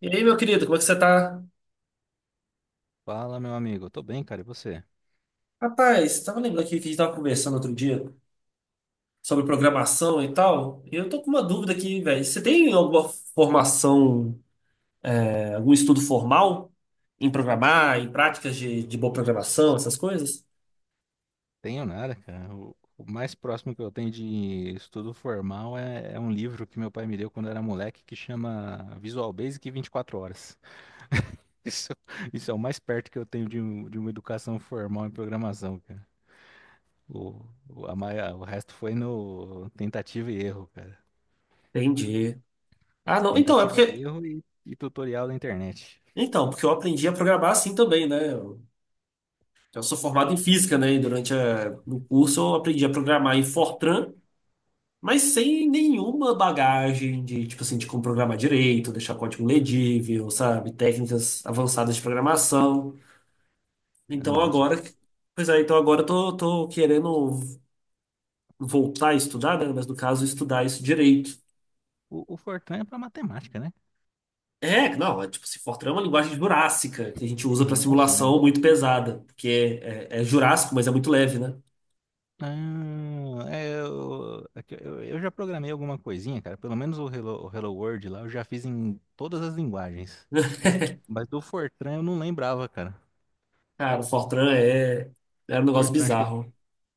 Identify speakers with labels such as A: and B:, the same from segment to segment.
A: E aí, meu querido, como é que você tá?
B: Fala, meu amigo. Tô bem, cara. E você?
A: Rapaz, tava lembrando aqui que a gente tava conversando outro dia sobre programação e tal. E eu tô com uma dúvida aqui, velho. Você tem alguma formação, algum estudo formal em programar, em práticas de boa programação, essas coisas?
B: Tenho nada, cara. O mais próximo que eu tenho de estudo formal é um livro que meu pai me deu quando eu era moleque que chama Visual Basic 24 horas. Isso, isso é o mais perto que eu tenho de, de uma educação formal em programação, cara. O, o, o resto foi no tentativa e erro, cara.
A: Entendi. Ah, não. Então, é
B: Tentativa e
A: porque.
B: erro e tutorial da internet.
A: Então, porque eu aprendi a programar assim também, né? Eu sou formado em física, né? E no curso eu aprendi a programar em Fortran. Mas sem nenhuma bagagem de, tipo assim, de como programar direito, deixar código legível, sabe? Técnicas avançadas de programação. Então
B: Nossa,
A: agora,
B: pô.
A: pois é, então agora eu tô querendo voltar a estudar, né? Mas no caso, estudar isso direito.
B: O Fortran é pra matemática, né?
A: É, não, é tipo, se Fortran é uma linguagem jurássica, que a gente usa para
B: Nossa.
A: simulação muito pesada, porque é jurássico, mas é muito leve, né?
B: Ah, é que eu já programei alguma coisinha, cara. Pelo menos o Hello World lá eu já fiz em todas as linguagens. Mas do Fortran eu não lembrava, cara.
A: Cara, é um negócio
B: Fortran acho que,
A: bizarro.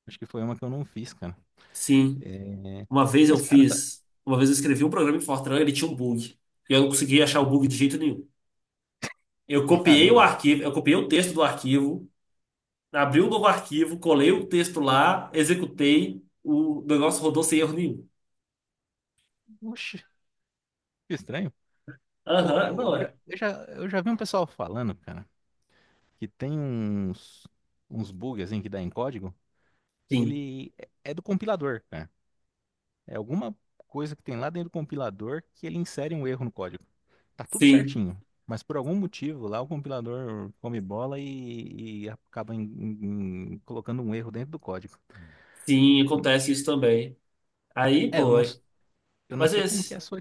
B: acho que foi uma que eu não fiz, cara.
A: Sim.
B: É. Mas, cara, sabe-
A: Uma vez eu escrevi um programa em Fortran, ele tinha um bug. E eu não conseguia achar o bug de jeito nenhum.
B: caramba, cara.
A: Eu copiei o texto do arquivo, abri um novo arquivo, colei o texto lá, executei, o negócio rodou sem erro nenhum.
B: Oxi, que estranho.
A: Aham,
B: Ô,
A: não
B: ô, Eu, já,
A: é.
B: eu já eu já vi um pessoal falando, cara, que tem uns bugs assim que dá em código, que
A: Sim,
B: ele é do compilador, cara. É alguma coisa que tem lá dentro do compilador que ele insere um erro no código. Tá tudo
A: sim,
B: certinho. Mas por algum motivo lá o compilador come bola e acaba colocando um erro dentro do código.
A: sim, acontece isso também. Aí,
B: É, eu
A: pô,
B: não,
A: é-
B: s- eu não
A: mas
B: sei como que é a
A: esse.
B: sua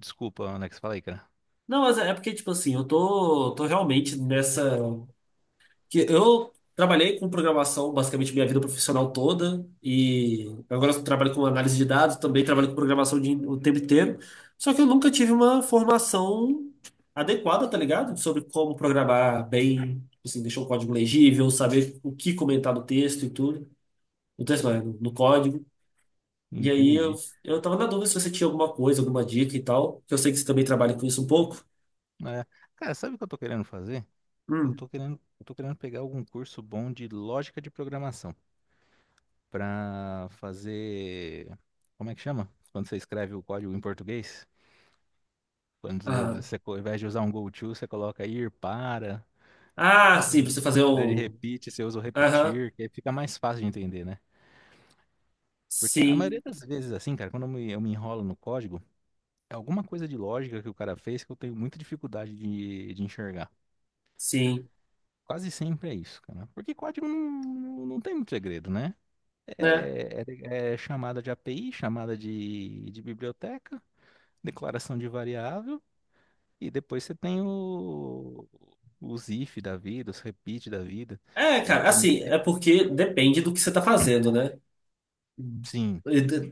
B: desculpa, Alex. Falei, cara.
A: Não, mas é porque, tipo assim, eu tô realmente nessa. Que eu trabalhei com programação basicamente minha vida profissional toda e agora eu trabalho com análise de dados, também trabalho com o tempo inteiro. Só que eu nunca tive uma formação adequada, tá ligado? Sobre como programar bem, assim, deixar o código legível, saber o que comentar no texto e tudo. No texto, não, é, no código. E aí eu,
B: Entendi.
A: eu tava na dúvida se você tinha alguma coisa, alguma dica e tal, que eu sei que você também trabalha com isso um pouco.
B: É, cara, sabe o que eu tô querendo fazer?
A: Hum.
B: Eu tô querendo pegar algum curso bom de lógica de programação pra fazer. Como é que chama? Quando você escreve o código em português? Quando
A: Ah,
B: você, ao invés de usar um go to, você coloca ir para.
A: ah, sim,
B: Ele
A: você fazer
B: Pede
A: um.
B: repeat, você usa o
A: Aham,
B: repetir, que aí fica mais fácil de entender, né? Porque a maioria
A: sim.
B: das vezes, assim, cara, quando eu me enrolo no código, é alguma coisa de lógica que o cara fez que eu tenho muita dificuldade de enxergar.
A: Sim,
B: Quase sempre é isso, cara. Porque código não, não tem muito segredo, né?
A: né?
B: É chamada de API, chamada de biblioteca, declaração de variável, e depois você tem os if da vida, os repeat da vida.
A: É, cara,
B: É,
A: assim,
B: é-
A: é porque depende do que você tá fazendo, né?
B: sim,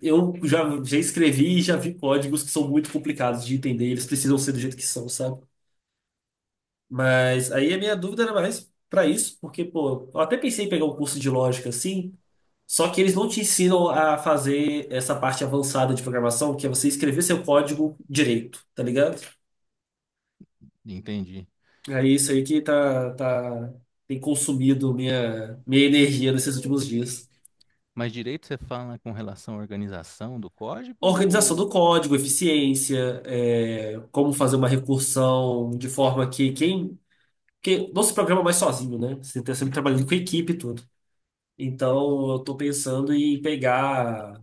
A: Eu já escrevi e já vi códigos que são muito complicados de entender, eles precisam ser do jeito que são, sabe? Mas aí a minha dúvida era mais pra isso, porque, pô, eu até pensei em pegar um curso de lógica assim, só que eles não te ensinam a fazer essa parte avançada de programação, que é você escrever seu código direito, tá ligado?
B: entendi.
A: É isso aí que tem consumido minha energia nesses últimos dias.
B: Mas direito você fala com relação à organização do código?
A: Organização do
B: Ou-
A: código, eficiência, é, como fazer uma recursão de forma que quem. Porque não se programa mais sozinho, né? Você está sempre trabalhando com equipe e tudo. Então, eu estou pensando em pegar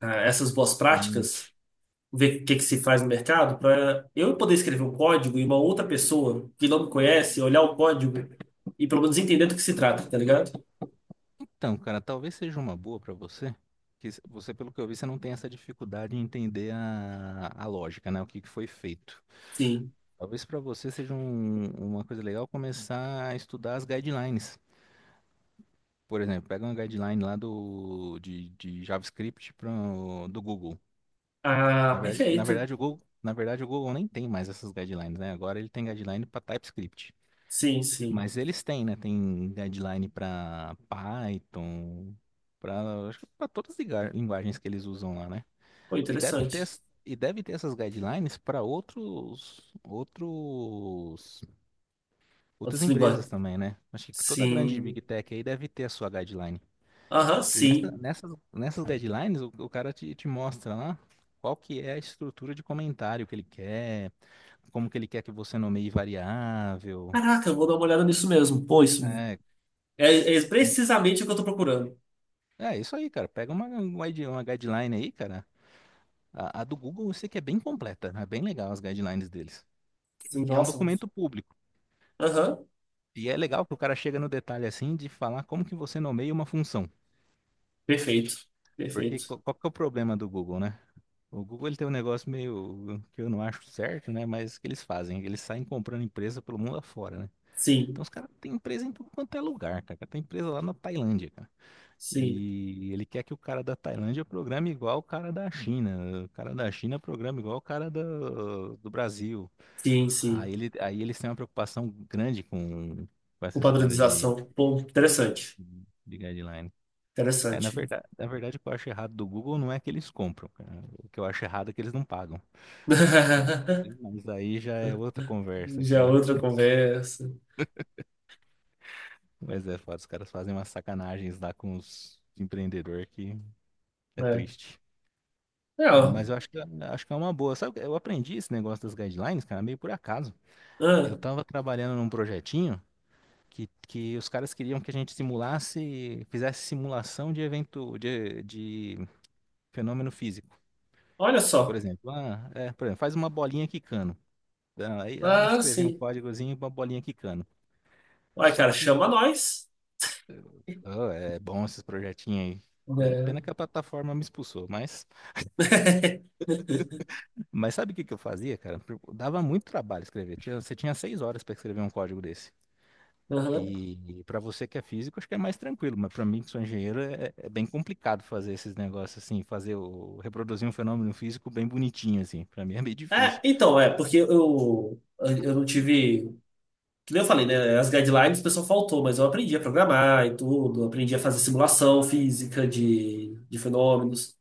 A: essas boas
B: Sim.
A: práticas, ver o que que se faz no mercado, para eu poder escrever um código e uma outra pessoa que não me conhece olhar o código e pelo menos entender do que se trata, tá ligado?
B: Então, cara, talvez seja uma boa para você. Que se- você, pelo que eu vi, você não tem essa dificuldade em entender a lógica, né? O que que foi feito.
A: Sim.
B: Talvez para você seja uma coisa legal começar a estudar as guidelines. Por exemplo, pega uma guideline lá de JavaScript pra, do Google.
A: Ah, perfeito.
B: Na verdade, o Google nem tem mais essas guidelines, né? Agora ele tem guideline para TypeScript.
A: Sim, sim.
B: Mas eles têm, né? Tem deadline para Python, para acho que para todas as linguagens que eles usam lá, né?
A: Foi
B: E deve ter
A: interessante.
B: essas guidelines para outros outros outras
A: Outras
B: empresas
A: linguagens.
B: também, né? Acho que toda grande
A: Sim.
B: Big Tech aí deve ter a sua guideline.
A: Aham,
B: E
A: sim.
B: nessas guidelines o cara te mostra lá qual que é a estrutura de comentário que ele quer, como que ele quer que você nomeie variável.
A: Caraca, eu vou dar uma olhada nisso mesmo. Pô, isso
B: É.
A: é precisamente o que eu tô procurando.
B: É isso aí, cara. Pega uma guideline aí, cara. A do Google eu sei que é bem completa, né? É bem legal as guidelines deles.
A: Sim,
B: E é um
A: nossa.
B: documento público.
A: Aham,
B: E é legal que o cara chega no detalhe assim de falar como que você nomeia uma função.
A: perfeito.
B: Porque
A: Perfeito.
B: qual que é o problema do Google, né? O Google ele tem um negócio meio que eu não acho certo, né? Mas que eles fazem, eles saem comprando empresa pelo mundo afora, né? Então
A: Sim,
B: os caras têm empresa em tudo quanto é lugar, cara. Tem empresa lá na Tailândia, cara.
A: sim,
B: E ele quer que o cara da Tailândia programe igual o cara da China, o cara da China programa igual o cara do Brasil.
A: sim, sim.
B: Aí, ele, aí eles têm uma preocupação grande com
A: Com
B: essa história
A: padronização. Pô, interessante.
B: de guideline.
A: Interessante.
B: O que eu acho errado do Google não é que eles compram, cara. O que eu acho errado é que eles não pagam. Mas, aí mas aí já é outra conversa,
A: Já é
B: cara.
A: outra conversa,
B: Mas é foda, os caras fazem umas sacanagens lá com os empreendedores que é
A: né?
B: triste.
A: É, ó.
B: Acho que é uma boa. Sabe, eu aprendi esse negócio das guidelines, cara, meio por acaso. Eu
A: Ah,
B: tava trabalhando num projetinho que os caras queriam que a gente simulasse, fizesse simulação de evento, de fenômeno físico.
A: olha
B: Por
A: só.
B: exemplo, por exemplo, faz uma bolinha quicando. Aí lá
A: Ah,
B: escrevi um
A: sim.
B: códigozinho uma bolinha quicando.
A: Uai,
B: Só
A: cara, chama
B: que,
A: nós.
B: é bom esses projetinhos aí.
A: Né?
B: Pena que a plataforma me expulsou, mas sabe o que que eu fazia, cara? Dava muito trabalho escrever. Você tinha seis horas para escrever um código desse.
A: Aham.
B: E, para você que é físico, acho que é mais tranquilo, mas para mim que sou engenheiro é, é bem complicado fazer esses negócios assim, fazer o reproduzir um fenômeno físico bem bonitinho assim. Para mim é meio difícil.
A: Porque eu não tive. Que nem eu falei, né? As guidelines o pessoal faltou, mas eu aprendi a programar e tudo, aprendi a fazer simulação física de fenômenos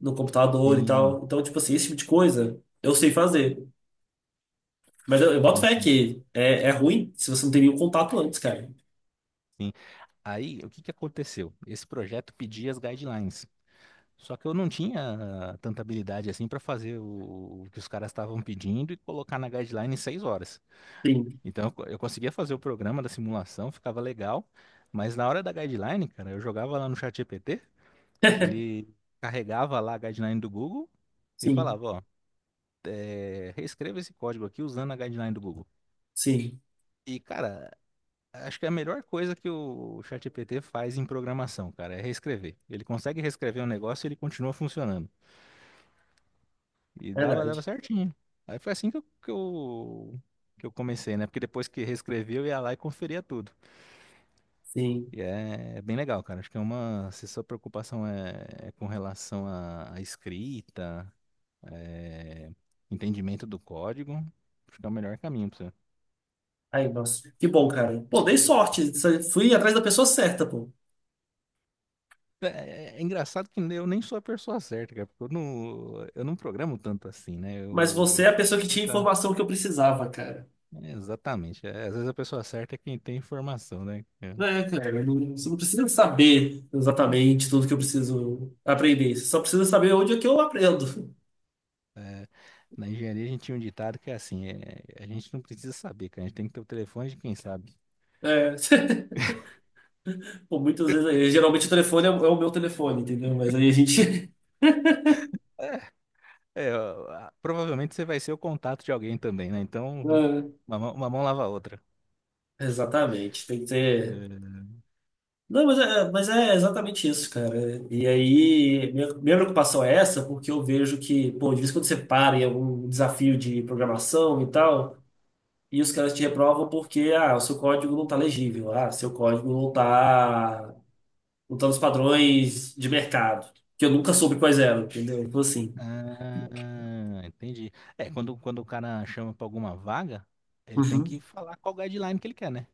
A: no computador e
B: Sim,
A: tal. Então, tipo assim, esse tipo de coisa eu sei fazer. Mas eu boto fé
B: ente-
A: que é ruim se você não tem nenhum contato antes, cara.
B: sim. Aí, o que que aconteceu? Esse projeto pedia as guidelines. Só que eu não tinha tanta habilidade assim para fazer o que os caras estavam pedindo e colocar na guideline em seis horas.
A: Sim,
B: Então, eu conseguia fazer o programa da simulação, ficava legal, mas na hora da guideline, cara, eu jogava lá no chat GPT. Ele Carregava lá a guideline do Google e
A: sim,
B: falava, ó, é, reescreva esse código aqui usando a guideline do Google.
A: sim.
B: E, cara, acho que é a melhor coisa que o ChatGPT faz em programação, cara, é reescrever. Ele consegue reescrever um negócio e ele continua funcionando. E dava
A: Verdade.
B: certinho. Aí foi assim que que eu comecei, né? Porque depois que reescrevia, eu ia lá e conferia tudo.
A: Sim.
B: É bem legal, cara. Acho que é uma. Se sua preocupação é com relação à à escrita, é, entendimento do código, acho que é o melhor caminho pra você.
A: Aí, nossa, que bom, cara. Pô, dei sorte. Fui atrás da pessoa certa, pô.
B: É engraçado que eu nem sou a pessoa certa, cara, porque eu não programo tanto assim, né?
A: Mas você
B: Eu
A: é a pessoa
B: faço
A: que tinha a
B: muita.
A: informação que eu precisava, cara.
B: É, exatamente. É, às vezes a pessoa certa é quem tem informação, né? É.
A: É, cara, eu não- você não precisa saber exatamente tudo que eu preciso aprender. Você só precisa saber onde é que eu aprendo.
B: Na engenharia a gente tinha um ditado que é assim: é, a gente não precisa saber, cara, a gente tem que ter o telefone de quem sabe.
A: É. Pô, muitas vezes, aí, geralmente o telefone é o meu telefone, entendeu? Mas aí a gente.
B: É, ó, a- provavelmente você vai ser o contato de alguém também, né? Então, uma mão lava a outra.
A: É, exatamente, tem que ter.
B: É.
A: Não, mas mas é exatamente isso, cara. E aí, minha preocupação é essa, porque eu vejo que, pô, de vez em quando você para em algum desafio de programação e tal, e os caras te reprovam porque, ah, o seu código não tá legível, ah, seu código não tá. Montando os padrões de mercado, que eu nunca soube quais eram, entendeu? Então, assim.
B: Ah, entendi. É, quando o cara chama pra alguma vaga, ele tem que
A: Uhum.
B: falar qual guideline que ele quer, né?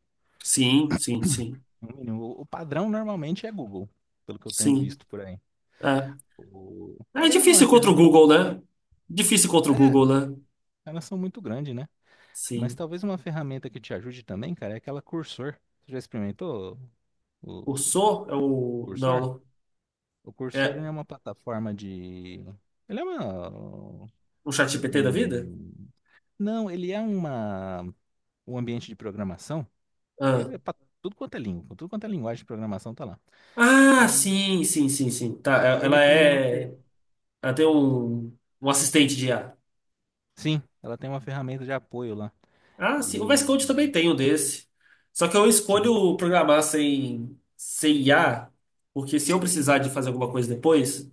A: Sim, sim, sim.
B: No mínimo. O padrão normalmente é Google, pelo que eu tenho
A: Sim.
B: visto por aí.
A: É.
B: O-
A: É
B: talvez uma
A: difícil contra o
B: ferramenta.
A: Google, né? Difícil contra o
B: É,
A: Google, né?
B: elas são muito grandes, né? Mas
A: Sim.
B: talvez uma ferramenta que te ajude também, cara, é aquela Cursor. Você já experimentou o,
A: O
B: o
A: So é o. Não,
B: Cursor?
A: não.
B: O Cursor
A: É
B: ele é uma plataforma de. Ele é uma.
A: o ChatGPT da vida?
B: Um... Não, ele é uma... um ambiente de programação. E
A: Ah.
B: é pra tudo quanto é língua, tudo quanto é linguagem de programação tá lá.
A: Ah,
B: E,
A: sim, sim, sim, sim. Tá,
B: e ele tem uma.
A: é.
B: Fe-
A: Ela tem um, um assistente de IA.
B: Sim, ela tem uma ferramenta de apoio lá.
A: Ah, sim. O VS Code também
B: E.
A: tem um desse. Só que eu
B: Sim,
A: escolho programar sem IA, porque se eu precisar de fazer alguma coisa depois,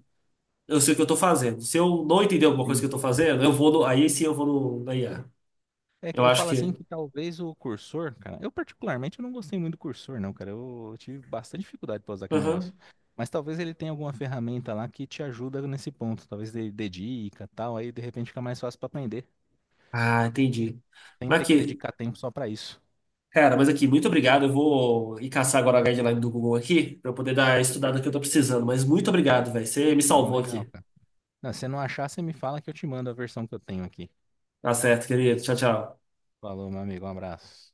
A: eu sei o que eu estou fazendo. Se eu não entender alguma coisa que
B: sim.
A: eu estou fazendo, eu vou no, aí sim eu vou no, na IA.
B: É que
A: Eu
B: eu
A: acho
B: falo assim
A: que.
B: que talvez o cursor, cara. Eu particularmente eu não gostei muito do cursor, não, cara. Eu tive bastante dificuldade pra usar aquele
A: Aham.
B: negócio. Mas talvez ele tenha alguma ferramenta lá que te ajuda nesse ponto. Talvez dê dica e tal. Aí de repente fica mais fácil pra aprender.
A: Ah, entendi.
B: Sem
A: Mas
B: ter que
A: aqui,
B: dedicar tempo só pra isso.
A: cara, mas aqui, muito obrigado. Eu vou ir caçar agora a guideline do Google aqui, para eu poder dar a estudada que eu estou precisando. Mas muito obrigado, velho. Você me
B: Ô,
A: salvou
B: legal,
A: aqui.
B: cara. Não, se você não achar, você me fala que eu te mando a versão que eu tenho aqui.
A: Tá certo, querido. Tchau, tchau.
B: Falou, meu amigo. Um abraço.